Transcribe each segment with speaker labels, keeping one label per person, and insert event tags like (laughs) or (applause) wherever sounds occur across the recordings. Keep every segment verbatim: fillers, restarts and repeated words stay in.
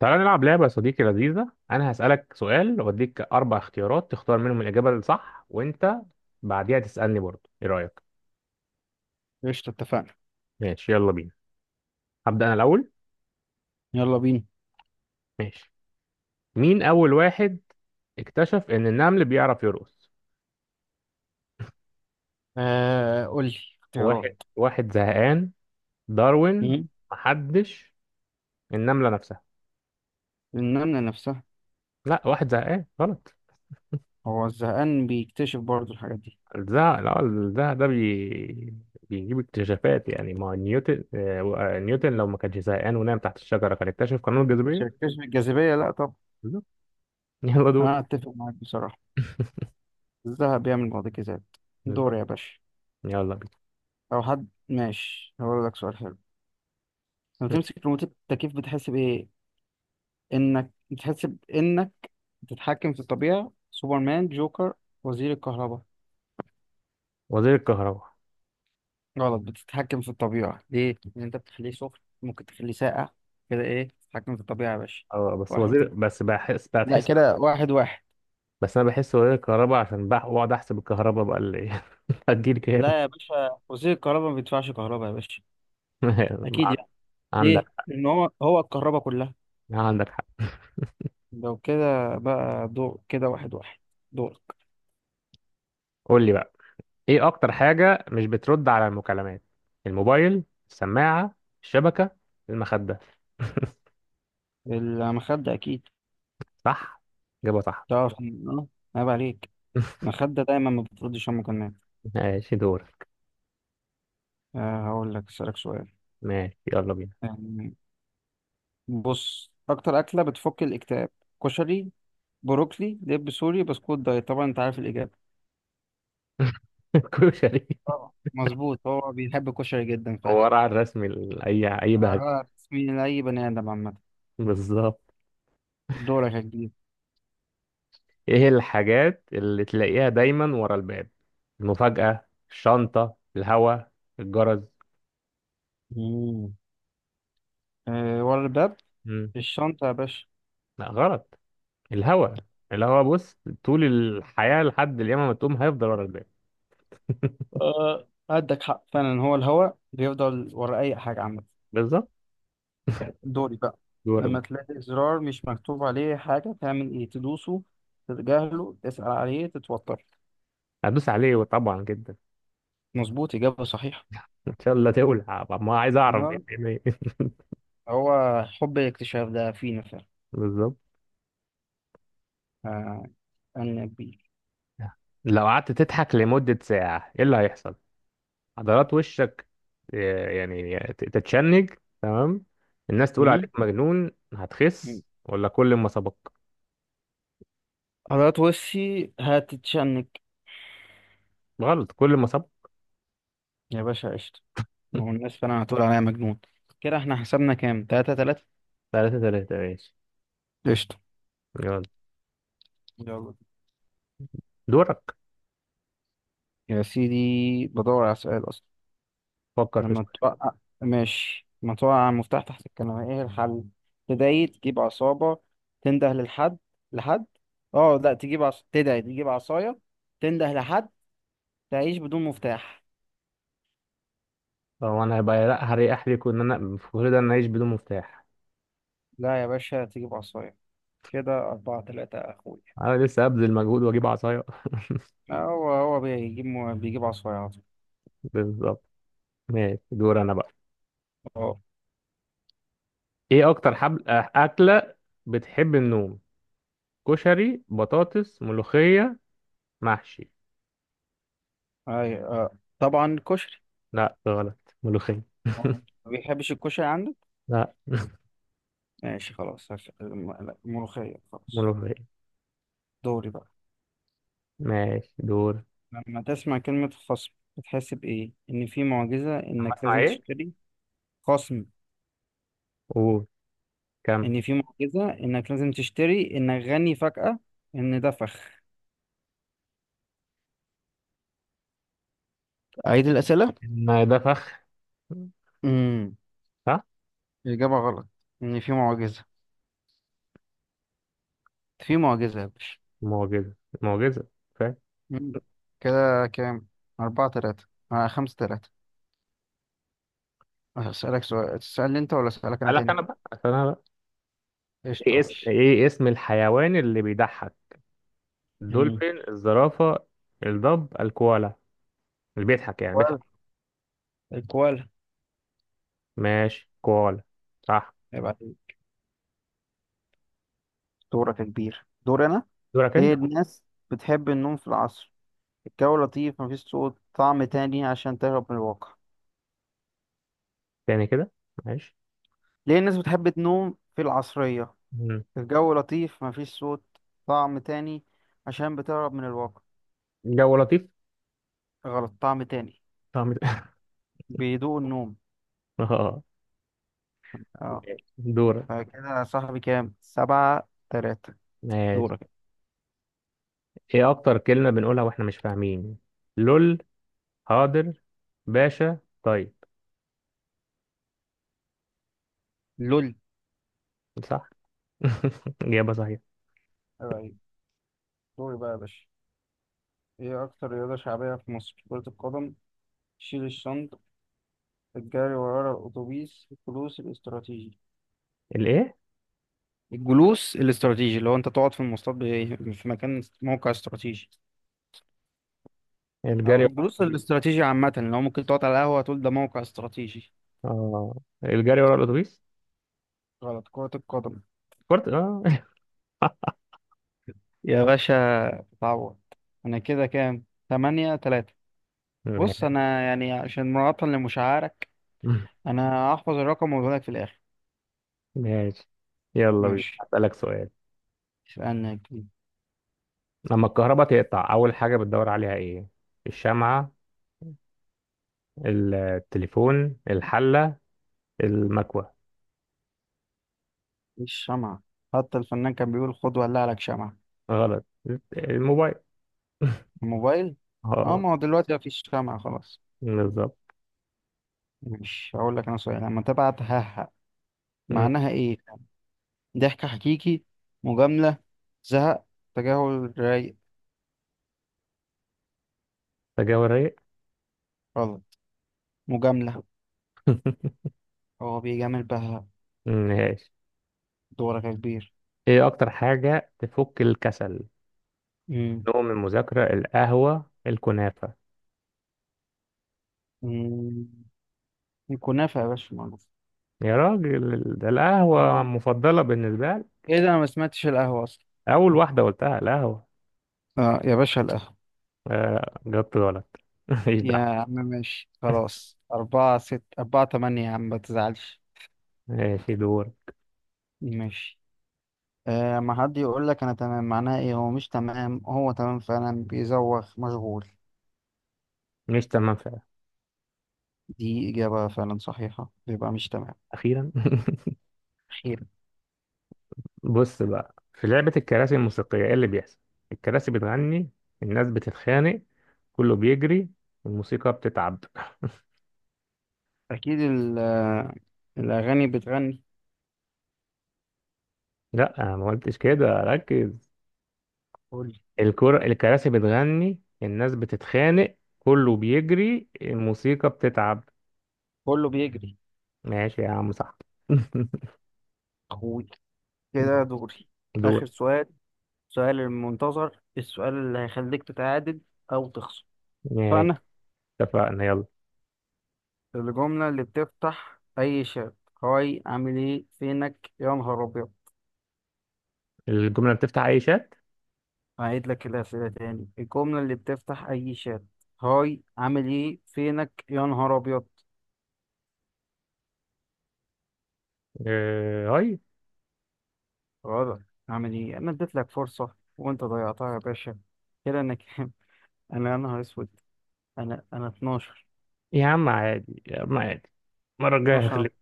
Speaker 1: تعالى نلعب لعبة يا صديقي لذيذة. أنا هسألك سؤال وأديك أربع اختيارات تختار منهم الإجابة الصح، وأنت بعديها تسألني برضه. إيه رأيك؟
Speaker 2: قشطة، اتفقنا.
Speaker 1: ماشي، يلا بينا. هبدأ أنا الأول.
Speaker 2: يلا بينا.
Speaker 1: ماشي. مين أول واحد اكتشف إن النمل بيعرف يرقص؟
Speaker 2: آه، قول لي اختيارات.
Speaker 1: واحد واحد زهقان، داروين،
Speaker 2: مم.
Speaker 1: محدش، النملة نفسها.
Speaker 2: النملة نفسها.
Speaker 1: لا، واحد زهقان غلط.
Speaker 2: هو الزهقان بيكتشف برضه الحاجات دي؟
Speaker 1: الزهق، لا، الزهق ده بي... بيجيب اكتشافات. يعني ما هو نيوتن آه، نيوتن لو ما كانش زهقان ونام تحت الشجرة كان اكتشف قانون الجاذبية.
Speaker 2: شكلش الجاذبية، لا طب.
Speaker 1: (laughs) يلا دور.
Speaker 2: أنا أتفق معاك بصراحة. الذهب بيعمل معجزات. دور
Speaker 1: بالظبط.
Speaker 2: يا باشا.
Speaker 1: يلا بينا.
Speaker 2: أو حد، ماشي، هقول لك سؤال حلو. لما تمسك ريموت التكييف بتحس بإيه؟ إنك بتحس بإنك بتتحكم في الطبيعة، سوبرمان، جوكر، وزير الكهرباء.
Speaker 1: وزير الكهرباء.
Speaker 2: غلط، بتتحكم في الطبيعة ليه؟ لأن أنت بتخليه سخن ممكن تخليه ساقع، كده إيه، تتحكم في الطبيعة يا باشا.
Speaker 1: اه، بس
Speaker 2: واحد،
Speaker 1: وزير، بس بحس
Speaker 2: لا
Speaker 1: بتحس.
Speaker 2: كده واحد واحد.
Speaker 1: بس انا بحس وزير الكهرباء عشان بح- بقعد احسب الكهرباء بقى اللي ايه (laughs) هتجيلي كام.
Speaker 2: لا يا باشا، وزير الكهرباء ما بيدفعش كهرباء يا باشا،
Speaker 1: (laughs)
Speaker 2: أكيد
Speaker 1: مع-
Speaker 2: يعني.
Speaker 1: عندك.
Speaker 2: ليه؟ لأن هو هو الكهرباء كلها.
Speaker 1: عندك حق.
Speaker 2: لو كده بقى دور كده، واحد واحد. دور.
Speaker 1: قول لي بقى. ايه اكتر حاجة مش بترد على المكالمات؟ الموبايل، السماعة، الشبكة، المخدة. (laughs)
Speaker 2: المخدة أكيد.
Speaker 1: صح، إجابة صح.
Speaker 2: تعرف إن- أه عيب عليك.
Speaker 1: (laughs)
Speaker 2: المخدة دايما ما بتردش، أمك النايم.
Speaker 1: ماشي، دور.
Speaker 2: آه، هقول لك أسألك سؤال،
Speaker 1: ماشي، يلا بينا.
Speaker 2: يعني بص، أكتر أكلة بتفك الاكتئاب، كشري، بروكلي، دب سوري، بسكوت دايت. طبعا انت عارف الاجابه.
Speaker 1: (laughs) كشري.
Speaker 2: طبعا مظبوط، هو بيحب الكشري جدا
Speaker 1: هو
Speaker 2: فعلا.
Speaker 1: ورا الرسم ال- اي اي بهجة.
Speaker 2: عبارة تسمين لاي بني ادم عامه.
Speaker 1: بالظبط.
Speaker 2: دورك يا كبير.
Speaker 1: ايه الحاجات اللي تلاقيها دايما ورا الباب؟ المفاجأة، الشنطة، الهوا، الجرس.
Speaker 2: مم. أه، ورا الباب.
Speaker 1: مم.
Speaker 2: في الشنطه يا باشا.
Speaker 1: لا، غلط. الهوا. الهوا بص، طول الحياة لحد اليوم ما تقوم هيفضل ورا الباب.
Speaker 2: أه، عندك حق فعلا، هو الهوا بيفضل ورا اي حاجه عامه.
Speaker 1: بالظبط. (laughs)
Speaker 2: دوري بقى.
Speaker 1: ورا
Speaker 2: لما
Speaker 1: الباب.
Speaker 2: تلاقي زرار مش مكتوب عليه حاجه، تعمل ايه؟ تدوسه، تتجاهله، تسأل عليه، تتوتر.
Speaker 1: هدوس عليه طبعا جدا.
Speaker 2: مظبوط، اجابه صحيحه.
Speaker 1: ان شاء الله تولع. طب ما عايز اعرف (laughs) إيه-
Speaker 2: أيوة،
Speaker 1: إيه- إيه.
Speaker 2: هو حب الاكتشاف ده فينا فعلا.
Speaker 1: (laughs) بالظبط.
Speaker 2: آه، أنا بيه.
Speaker 1: لو قعدت تضحك لمدة ساعة ايه اللي هيحصل؟ عضلات وشك، آه، يعني ت- تتشنج، تمام، الناس تقول
Speaker 2: مم؟
Speaker 1: عليك مجنون،
Speaker 2: مم.
Speaker 1: هتخس، ولا كل ما سبق.
Speaker 2: حضرات وشي هتتشنج.
Speaker 1: غلط، كل ما سبق.
Speaker 2: يا باشا قشطة، ما هو الناس فعلا هتقول عليا مجنون. كده احنا حسبنا كام؟ تلاتة تلاتة.
Speaker 1: ثلاثة ثلاثة. ماشي،
Speaker 2: قشطة.
Speaker 1: يلا.
Speaker 2: يلا.
Speaker 1: دورك.
Speaker 2: يا سيدي، بدور على سؤال أصلا.
Speaker 1: فكر في
Speaker 2: لما
Speaker 1: سؤال.
Speaker 2: توقع ماشي، لما توقع المفتاح تحت الكنبة ايه الحل؟ تدعي، تجيب عصابة، تنده للحد، لحد اه لا تجيب عص... تدعي تجيب عصاية، تنده لحد، تعيش بدون مفتاح.
Speaker 1: هو انا هيبقى لا، هريح ليكوا ان انا في كل ده، انا اعيش بدون مفتاح.
Speaker 2: لا يا باشا، تجيب عصاية. كده أربعة تلاتة يا أخوي.
Speaker 1: انا لسه ابذل مجهود واجيب عصاية. (laughs)
Speaker 2: هو هو بيجيب بيجيب عصايات.
Speaker 1: بالظبط. ماشي، دور انا بقى.
Speaker 2: اه،
Speaker 1: ايه اكتر حبل أه، اكلة بتحب النوم؟ كشري، بطاطس، ملوخية، محشي.
Speaker 2: اي اه طبعا كشري.
Speaker 1: لا، غلط، ملوخية.
Speaker 2: آه.
Speaker 1: (laughs)
Speaker 2: ما بيحبش الكشري عندك؟
Speaker 1: لا،
Speaker 2: ماشي خلاص، هف- الم- لا، الملوخية خلاص.
Speaker 1: ملوخية.
Speaker 2: دوري بقى.
Speaker 1: ماشي، دور.
Speaker 2: لما تسمع كلمة خصم بتحس بإيه؟ إن في معجزة
Speaker 1: أما
Speaker 2: إنك
Speaker 1: اسمع
Speaker 2: لازم
Speaker 1: ايه؟
Speaker 2: تشتري. خصم.
Speaker 1: قول. كم؟
Speaker 2: إن في معجزة إنك لازم تشتري، إنك غني فجأة، إن ده فخ. أعيد الأسئلة.
Speaker 1: إن ده فخ.
Speaker 2: امم
Speaker 1: صح.
Speaker 2: الإجابة غلط، إن في معجزة. في معجزة يا باشا.
Speaker 1: معجزة، معجزة، فاهم.
Speaker 2: مم. كده كام؟ أربعة تلاتة. آه، خمسة تلاتة. هسألك سؤال، تسألني أنت ولا أسألك أنا
Speaker 1: قالك
Speaker 2: تاني؟
Speaker 1: أنا بقى.
Speaker 2: قشطة،
Speaker 1: إيه اسم
Speaker 2: ماشي.
Speaker 1: إيه اسم الحيوان اللي بيضحك؟
Speaker 2: مم.
Speaker 1: الدولفين، الزرافة، الضب، الكوالا. اللي بيضحك يعني بيضحك.
Speaker 2: كوال الكوالا.
Speaker 1: ماشي، كوالا. صح.
Speaker 2: يبقى دورك يا كبير، دور أنا.
Speaker 1: دورك أنت.
Speaker 2: ليه الناس بتحب النوم في العصر؟ الجو لطيف، مفيش صوت، طعم تاني، عشان تهرب من الواقع.
Speaker 1: تاني كده، ماشي.
Speaker 2: ليه الناس بتحب تنوم في العصرية؟
Speaker 1: مم.
Speaker 2: الجو لطيف، مفيش صوت، طعم تاني، عشان بتهرب من الواقع.
Speaker 1: جو لطيف.
Speaker 2: غلط، طعم تاني،
Speaker 1: طعم. (laughs)
Speaker 2: بيدوق النوم.
Speaker 1: اه.
Speaker 2: اه.
Speaker 1: ماشي. دورك.
Speaker 2: فكده يا صاحبي كام؟ سبعة تلاتة.
Speaker 1: ماشي.
Speaker 2: دورك.
Speaker 1: ايه اكتر كلمة بنقولها واحنا مش فاهمين؟ لول، حاضر، باشا، طيب.
Speaker 2: لول.
Speaker 1: صح. (laughs) إجابة صحيحة.
Speaker 2: أيوة، دوري بقى يا باشا. ايه اكتر رياضة شعبية في مصر؟ كرة القدم، شيل الشنط، الجري ورا الاتوبيس، الجلوس الاستراتيجي.
Speaker 1: الإيه؟
Speaker 2: الجلوس الاستراتيجي اللي هو انت تقعد في المواصلات ب- في مكان موقع استراتيجي.
Speaker 1: الجري،
Speaker 2: او
Speaker 1: لا، ورا
Speaker 2: الجلوس
Speaker 1: الأتوبيس.
Speaker 2: الاستراتيجي عامة، اللي هو ممكن تقعد على القهوة تقول ده موقع استراتيجي.
Speaker 1: آه. الجري ورا الأتوبيس.
Speaker 2: غلط، كرة القدم
Speaker 1: كرة، آه.
Speaker 2: يا باشا، اتعوض. انا كده كام؟ تمانية تلاتة.
Speaker 1: (laughs)
Speaker 2: بص،
Speaker 1: ماشي.
Speaker 2: انا يعني عشان مراعاة لمشاعرك انا هحفظ الرقم واقول لك في الاخر.
Speaker 1: ماشي. يلا بينا
Speaker 2: ماشي،
Speaker 1: أسألك سؤال.
Speaker 2: اسألني.
Speaker 1: لما الكهرباء تقطع أول حاجة بتدور عليها إيه؟ الشمعة، التليفون، الحلة، المكوة.
Speaker 2: مفيش شمعة، حتى الفنان كان بيقول خد ولع لك شمعة.
Speaker 1: غلط. الموبايل.
Speaker 2: الموبايل. اه،
Speaker 1: اه.
Speaker 2: ما هو دلوقتي مفيش شمعة خلاص.
Speaker 1: بالظبط.
Speaker 2: مش هقول لك انا سؤال، لما تبعت ههق
Speaker 1: مم.
Speaker 2: معناها ايه؟ ضحك حكيكي، مجاملة، زهق، تجاهل رايق.
Speaker 1: تجاوب رايق.
Speaker 2: غلط، مجاملة.
Speaker 1: (laughs)
Speaker 2: هو بيجامل بها.
Speaker 1: ماشي.
Speaker 2: دورك يا كبير.
Speaker 1: إيه أكتر حاجة تفك الكسل؟
Speaker 2: امم
Speaker 1: نوم، المذاكرة، القهوة، الكنافة.
Speaker 2: أمم. الكنافة يا باشا معروف.
Speaker 1: يا راجل ده
Speaker 2: اه،
Speaker 1: القهوة مفضلة بالنسبة لي.
Speaker 2: ايه ده، انا ما سمعتش القهوة اصلا.
Speaker 1: أول واحدة قلتها القهوة.
Speaker 2: اه يا باشا، القهوة.
Speaker 1: آه جبت غلط. (laughs) مفيش
Speaker 2: يا
Speaker 1: دعوة.
Speaker 2: عم ماشي خلاص، أربعة ست، أربعة تمانية، يا عم ما تزعلش.
Speaker 1: ماشي، دور.
Speaker 2: ماشي. آه، ما حد يقول لك انا تمام معناه ايه؟ هو مش تمام، هو تمام فعلا بيزوغ مشغول.
Speaker 1: مش تمام فعلا.
Speaker 2: دي اجابة فعلا صحيحة، بيبقى مش تمام.
Speaker 1: أخيرا.
Speaker 2: خير.
Speaker 1: (laughs) بص بقى في لعبة الكراسي الموسيقية إيه اللي بيحصل؟ الكراسي بتغني، الناس بتتخانق، كله بيجري، الموسيقى بتتعب.
Speaker 2: اكيد ال- آه، الاغاني بتغني.
Speaker 1: لا، أنا ما قلتش كده، ركز.
Speaker 2: كل
Speaker 1: الكرة الكراسي بتغني، الناس بتتخانق، كله بيجري، الموسيقى بتتعب.
Speaker 2: كله بيجري.
Speaker 1: ماشي يا عم، صح.
Speaker 2: اخوي، كده
Speaker 1: (laughs)
Speaker 2: دوري.
Speaker 1: دور.
Speaker 2: اخر سؤال، سؤال المنتظر، السؤال اللي هيخليك تتعادل او تخسر
Speaker 1: ماشي،
Speaker 2: فانا.
Speaker 1: اتفقنا، يلا.
Speaker 2: الجملة اللي بتفتح اي شات، هاي، عامل ايه، فينك يا نهار ابيض.
Speaker 1: الجملة بتفتح أي شات.
Speaker 2: هعيد لك الأسئلة تاني، الجملة اللي بتفتح أي شات، هاي، عامل إيه، فينك يا نهار أبيض.
Speaker 1: آه، هاي.
Speaker 2: غلط، عامل إيه، أنا اديت لك فرصة وأنت ضيعتها يا باشا. كده أنا كام؟ (laughs) أنا يا نهار أسود، أنا أنا اتناشر.
Speaker 1: يا عم عادي، يا عم عادي. المرة الجاية
Speaker 2: اتناشر.
Speaker 1: هغلب.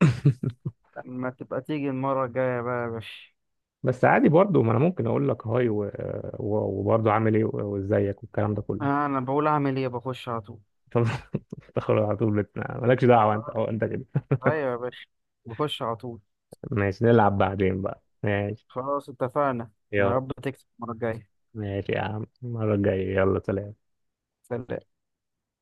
Speaker 1: (laughs)
Speaker 2: لما تبقى تيجي المرة الجاية بقى يا باشا.
Speaker 1: بس عادي برضه، ما أنا ممكن أقول لك هاي و... و... وبرضه عامل إيه و- وإزيك والكلام ده كله.
Speaker 2: آه، أنا بقول أعمل إيه؟ بخش على طول.
Speaker 1: (laughs) تخرج على طول بت- مالكش دعوة، أنت
Speaker 2: آه،
Speaker 1: أو أنت كده.
Speaker 2: أيوة يا باشا، بخش على طول.
Speaker 1: ماشي، نلعب بعدين بقى، ماشي.
Speaker 2: خلاص اتفقنا. يا
Speaker 1: يلا.
Speaker 2: رب تكسب المرة الجاية.
Speaker 1: ماشي يا عم، المرة الجاية، يلا سلام.
Speaker 2: سلام.